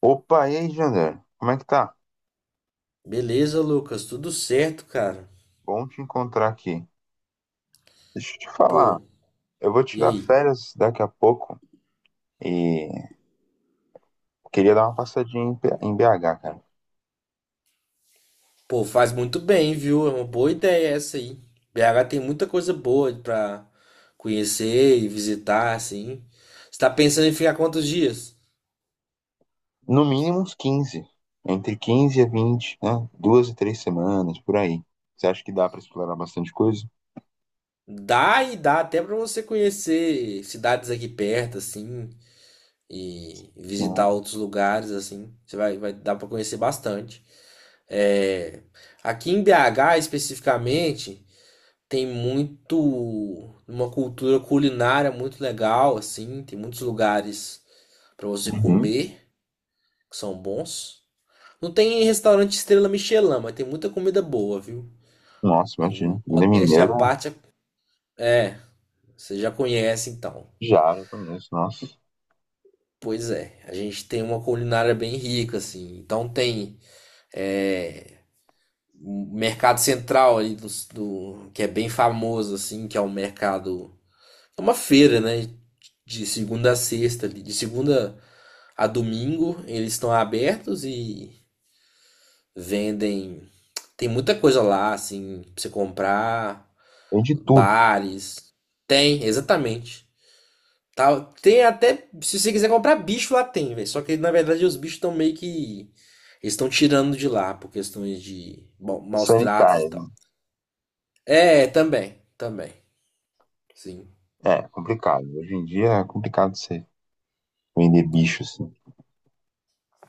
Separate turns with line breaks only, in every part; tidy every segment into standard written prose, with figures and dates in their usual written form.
Opa, e aí, Jander? Como é que tá?
Beleza, Lucas, tudo certo, cara.
Bom te encontrar aqui. Deixa eu te falar,
Pô,
eu vou
e
tirar
aí?
férias daqui a pouco e queria dar uma passadinha em BH, cara.
Pô, faz muito bem, viu? É uma boa ideia essa aí. BH tem muita coisa boa pra conhecer e visitar, assim. Você tá pensando em ficar quantos dias?
No mínimo uns 15, entre 15 e 20, né? 2 e 3 semanas, por aí. Você acha que dá pra explorar bastante coisa?
Dá e dá até pra você conhecer cidades aqui perto, assim, e visitar outros lugares, assim. Você vai dar pra conhecer bastante. É, aqui em BH especificamente, tem muito uma cultura culinária muito legal assim, tem muitos lugares para você
Uhum.
comer que são bons. Não tem restaurante estrela Michelin, mas tem muita comida boa, viu?
Nossa,
Assim,
imagina. Comida
modéstia à
mineira,
parte, é, você já conhece então.
já conheço, nossa.
Pois é, a gente tem uma culinária bem rica assim. Então tem, é, o mercado central ali que é bem famoso assim, que é o mercado. É uma feira, né? De segunda a sexta ali. De segunda a domingo, eles estão abertos e vendem. Tem muita coisa lá, assim, pra você comprar,
Tem de tudo.
bares. Tem, exatamente. Tá, tem até. Se você quiser comprar bicho, lá tem, velho. Só que na verdade os bichos estão meio que. Eles estão tirando de lá por questões de, bom, maus tratos e
Sanitárias, né?
tal. É, também, também. Sim.
É, complicado. Hoje em dia é complicado você vender bicho, assim,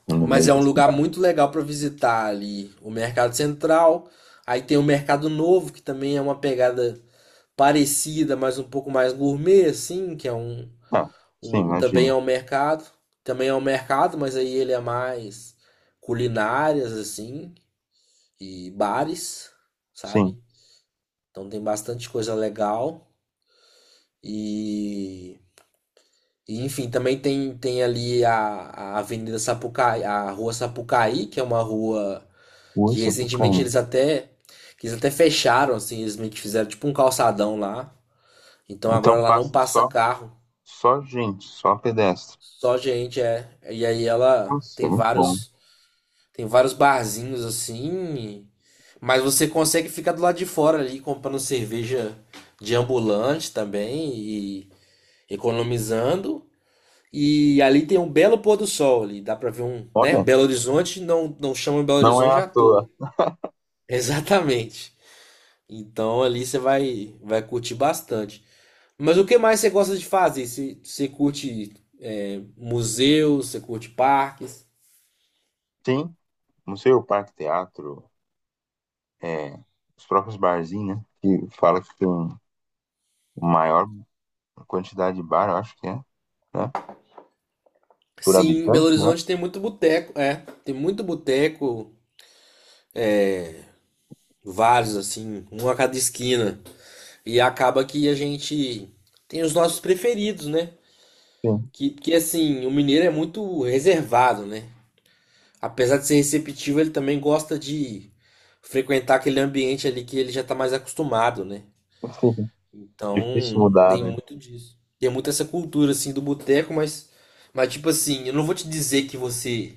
no
Mas
meio
é
da
um lugar
cidade.
muito legal para visitar ali o Mercado Central. Aí tem o Mercado Novo, que também é uma pegada parecida, mas um pouco mais gourmet, assim, que é um,
Ah, sim,
um
imagina.
também é um mercado. Também é um mercado, mas aí ele é mais culinárias, assim, e bares,
Sim,
sabe? Então tem bastante coisa legal. E, e, enfim, também tem, tem ali a Avenida Sapucaí, a Rua Sapucaí, que é uma rua.
Rua
Que recentemente
Sapucaí.
eles até, que eles até fecharam, assim, eles meio que fizeram tipo um calçadão lá. Então agora
Então
lá não
passa
passa
só,
carro,
só gente, só pedestre.
só gente, é. E aí ela
Nossa, é muito bom.
tem vários barzinhos assim, mas você consegue ficar do lado de fora ali comprando cerveja de ambulante também e economizando. E ali tem um belo pôr do sol ali, dá pra ver um, né?
Olha,
Belo Horizonte não chama Belo
não é
Horizonte
à
à toa.
toa.
Exatamente. Então ali você vai, vai curtir bastante. Mas o que mais você gosta de fazer? Você curte, é, museus, você curte parques?
Tem museu, parque, teatro, é, os próprios barzinhos, né? Que fala que tem maior quantidade de bar, eu acho que é, né? Por
Sim, em
habitante,
Belo
né?
Horizonte tem muito boteco, é, tem muito boteco, vários assim, um a cada esquina. E acaba que a gente tem os nossos preferidos, né?
Sim,
Que assim, o mineiro é muito reservado, né? Apesar de ser receptivo, ele também gosta de frequentar aquele ambiente ali que ele já tá mais acostumado, né?
sim. Difícil
Então,
mudar,
tem
né?
muito disso. Tem muito essa cultura assim do boteco, mas tipo assim, eu não vou te dizer que você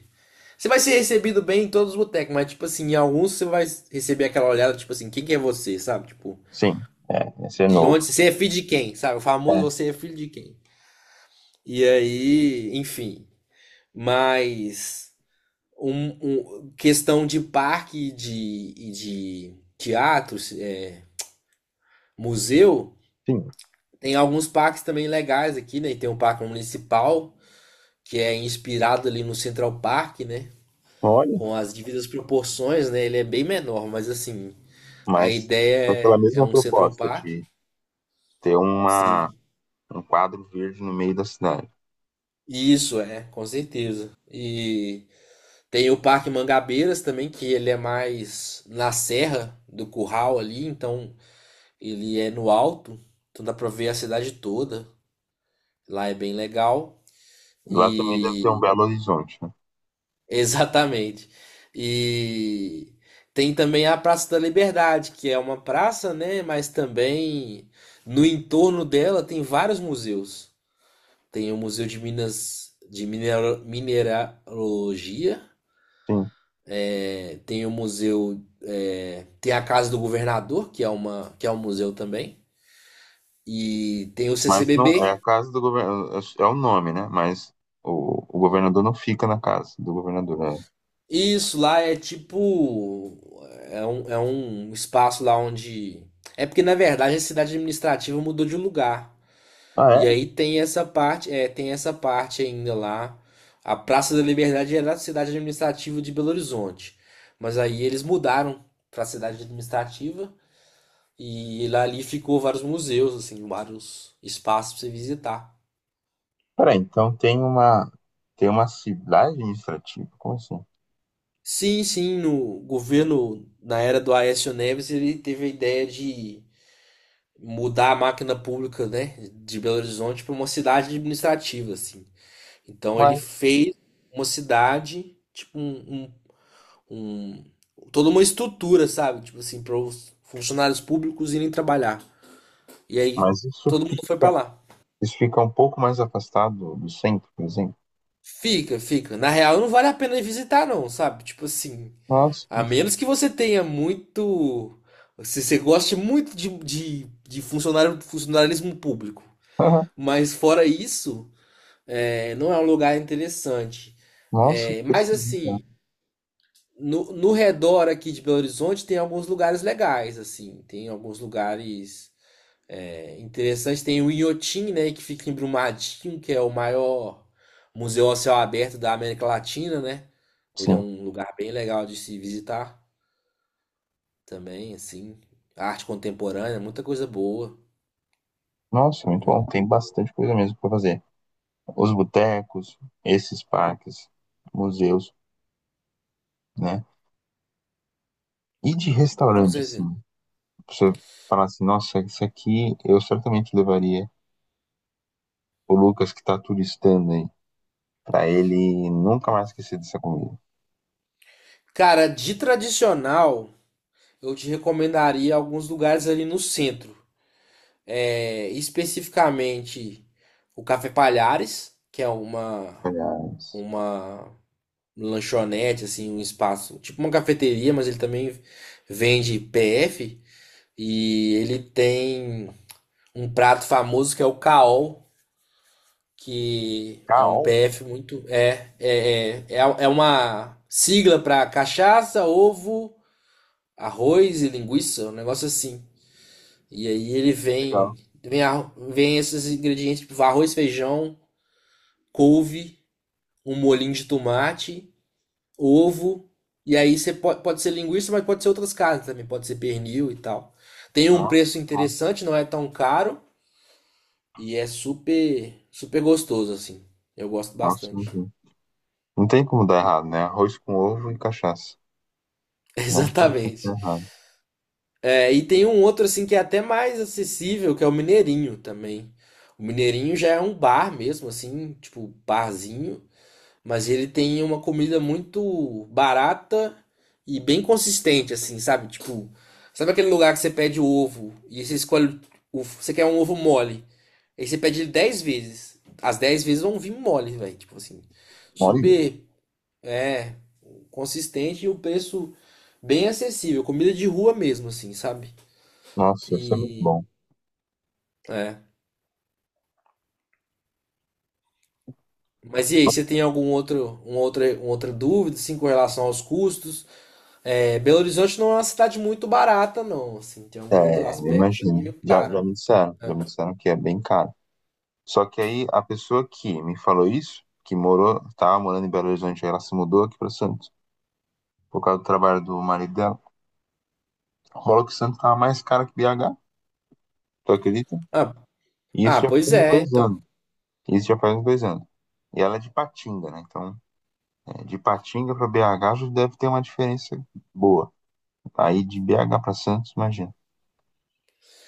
você vai ser recebido bem em todos os botecos, mas tipo assim, em alguns você vai receber aquela olhada tipo assim, quem que é você, sabe? Tipo,
Sim, é, esse é
de
novo.
onde você é, filho de quem, sabe? O famoso
É,
você é filho de quem. E aí, enfim, mas questão de parque e de teatros, é, museu,
sim.
tem alguns parques também legais aqui, né? E tem um parque municipal que é inspirado ali no Central Park, né?
Olha,
Com as devidas proporções, né? Ele é bem menor, mas assim, a
mas com aquela
ideia é, é
mesma
um Central
proposta
Park.
de ter uma,
Sim.
um quadro verde no meio da cidade.
Isso é, com certeza. E tem o Parque Mangabeiras também, que ele é mais na Serra do Curral ali, então ele é no alto, então dá pra ver a cidade toda. Lá é bem legal.
Lá também deve ter um
E.
Belo Horizonte, né?
Exatamente. E tem também a Praça da Liberdade, que é uma praça, né? Mas também no entorno dela tem vários museus. Tem o Museu de Minas de Mineralogia,
Sim.
é, tem o museu, é, tem a Casa do Governador, que é uma, que é um museu também, e tem o
Mas não é
CCBB.
a casa do governo, é o nome, né? Mas o governador não fica na casa do governador, né?
Isso lá é tipo. É um espaço lá onde. É porque, na verdade, a cidade administrativa mudou de lugar.
Ah,
E
é?
aí tem essa parte, é, tem essa parte ainda lá. A Praça da Liberdade era a cidade administrativa de Belo Horizonte. Mas aí eles mudaram para a cidade administrativa e lá ali ficou vários museus, assim, vários espaços para você visitar.
Peraí, então tem uma cidade administrativa? Como assim?
Sim, sim, no governo, na era do Aécio Neves, ele teve a ideia de mudar a máquina pública, né, de Belo Horizonte para uma cidade administrativa, assim. Então ele
Uai,
fez uma cidade, tipo um- toda uma estrutura, sabe, tipo assim, para os funcionários públicos irem trabalhar. E aí
mas isso
todo mundo foi para
fica
lá.
isso fica um pouco mais afastado do centro, por exemplo.
Fica, fica. Na real, não vale a pena ir visitar, não, sabe? Tipo assim,
Nossa,
a
que-
menos que você tenha muito, se você goste muito de funcionalismo público. Mas fora isso, é, não é um lugar interessante.
Nossa,
É,
que
mas
esquisito, né?
assim, no, no redor aqui de Belo Horizonte tem alguns lugares legais, assim, tem alguns lugares, é, interessantes. Tem o Inhotim, né, que fica em Brumadinho, que é o maior museu a céu aberto da América Latina, né? Ele é
Sim.
um lugar bem legal de se visitar também, assim. Arte contemporânea, muita coisa boa.
Nossa, muito bom.
Muita
Tem
coisa boa.
bastante coisa mesmo para fazer. Os botecos, esses parques, museus, né? E de
Com
restaurante,
certeza.
assim, você falar assim, nossa, isso aqui eu certamente levaria o Lucas que tá turistando aí, pra ele nunca mais esquecer dessa comida.
Cara, de tradicional, eu te recomendaria alguns lugares ali no centro. É, especificamente o Café Palhares, que é
Aliás,
uma lanchonete, assim, um espaço, tipo uma cafeteria, mas ele também vende PF e ele tem um prato famoso que é o caol, que é um
caol,
PF muito. É uma sigla para cachaça, ovo, arroz e linguiça, um negócio assim. E aí ele vem,
legal.
vem, a- vem esses ingredientes, tipo arroz, feijão, couve, um molhinho de tomate, ovo, e aí você pode, pode ser linguiça, mas pode ser outras carnes também, pode ser pernil e tal. Tem um
Nossa,
preço
bom.
interessante, não é tão caro e é super, super gostoso assim. Eu gosto
Nossa,
bastante.
imagina. Não tem como dar errado, né? Arroz com ovo e cachaça. Não tem como dar
Exatamente.
errado.
É, e tem um outro assim que é até mais acessível, que é o Mineirinho também. O Mineirinho já é um bar mesmo, assim, tipo barzinho. Mas ele tem uma comida muito barata e bem consistente, assim, sabe? Tipo, sabe aquele lugar que você pede o ovo e você escolhe. O, você quer um ovo mole. Aí você pede ele 10 vezes. As 10 vezes vão vir mole, velho. Tipo assim,
Olha,
super, é, consistente e o preço bem acessível. Comida de rua mesmo, assim, sabe?
nossa, isso é muito
E.
bom.
É. Mas e aí, você tem algum outro, um outra, uma outra dúvida, assim, com relação aos custos? É, Belo Horizonte não é uma cidade muito barata, não. Assim, tem alguns
É, eu
aspectos
imagino.
meio
Já
cara.
me disseram,
É.
já me disseram que é bem caro. Só que aí a pessoa que me falou isso, que morou, tava morando em Belo Horizonte, aí ela se mudou aqui para Santos, por causa do trabalho do marido dela. Rola que Santos tava mais cara que BH, tu acredita?
Ah,
E isso
ah,
já faz
pois
uns
é,
2 anos.
então.
Isso já faz uns dois anos. E ela é de Patinga, né? Então, é, de Patinga para BH já deve ter uma diferença boa. Aí de BH para Santos, imagina.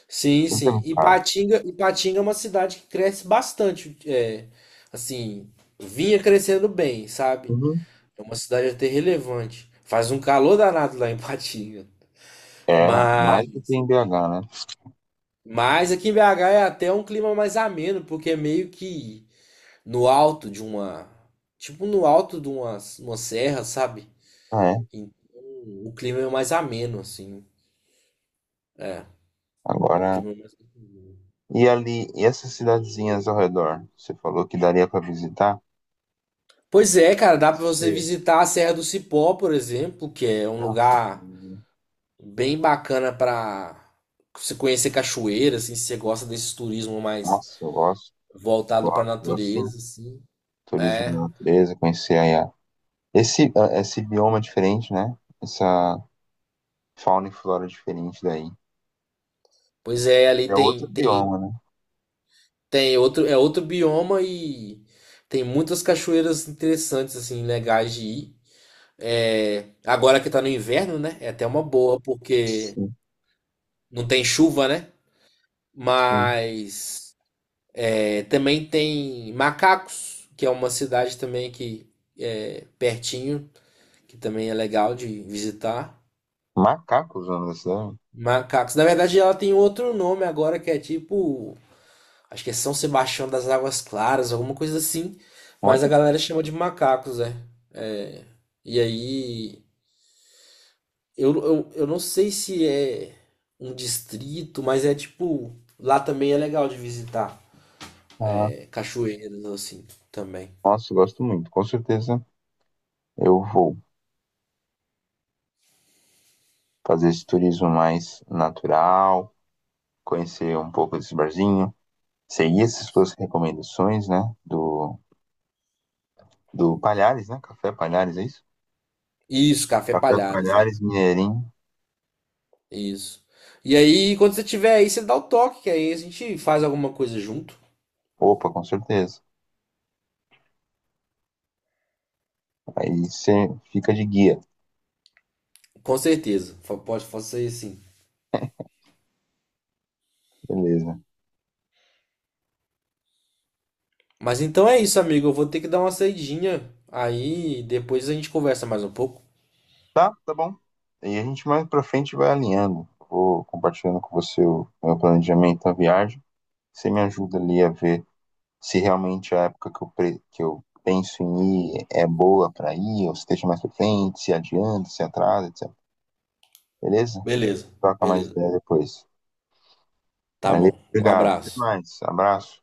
Sim,
Santos é
sim.
muito caro.
Ipatinga é uma cidade que cresce bastante. É, assim, vinha crescendo bem, sabe?
Uhum.
É uma cidade até relevante. Faz um calor danado lá em Ipatinga.
É, mais do
Mas,
que em BH, né?
mas aqui em BH é até um clima mais ameno, porque é meio que no alto de uma. Tipo no alto de uma serra, sabe?
Ah, é.
Então, o clima é mais ameno, assim. É, um
Agora,
clima mais.
e ali, e essas cidadezinhas ao redor? Você falou que daria para visitar?
Pois é, cara, dá pra você
Você,
visitar a Serra do Cipó, por exemplo, que é um
nossa,
lugar bem bacana pra você conhecer cachoeira, assim, se você gosta desse turismo mais
nossa, eu gosto,
voltado pra
gosto, gosto
natureza,
sim.
assim.
Turismo na
É.
natureza, conhecer aí esse bioma diferente, né? Essa fauna e flora diferente daí.
Pois é, ali
É outro
tem tem
bioma, né?
tem outro é outro bioma e tem muitas cachoeiras interessantes assim, legais de ir. É, agora que tá no inverno, né? É até uma boa, porque
Sim,
não tem chuva, né?
sim.
Mas é, também tem Macacos, que é uma cidade também que é pertinho, que também é legal de visitar.
Macacos na cidade?
Macacos. Na verdade, ela tem outro nome agora que é tipo, acho que é São Sebastião das Águas Claras, alguma coisa assim. Mas a
Olha,
galera chama de Macacos, né? É, e aí, eu não sei se é um distrito, mas é tipo, lá também é legal de visitar.
ah,
É, Cachoeiras, assim, também.
nossa, eu gosto muito. Com certeza eu vou fazer esse turismo mais natural, conhecer um pouco desse barzinho, seguir essas suas recomendações, né? Do, do Palhares, né? Café Palhares, é isso?
Isso, Café
Café
Palhares, é.
Palhares, Mineirinho.
Isso. E aí, quando você tiver aí, você dá o toque, que aí a gente faz alguma coisa junto.
Opa, com certeza. Aí você fica de guia.
Com certeza. Pode fazer assim.
Beleza.
Mas então é isso, amigo. Eu vou ter que dar uma saidinha. Aí depois a gente conversa mais um pouco.
Tá, tá bom. E a gente mais pra frente vai alinhando. Vou compartilhando com você o meu planejamento da viagem. Você me ajuda ali a ver se realmente a época que eu penso em ir é boa pra ir, ou se deixa mais pra frente, se adianta, se atrasa, etc. Beleza?
Beleza,
Troca mais
beleza.
ideia depois.
Tá
Valeu,
bom. Um
obrigado. Até
abraço.
mais. Abraço.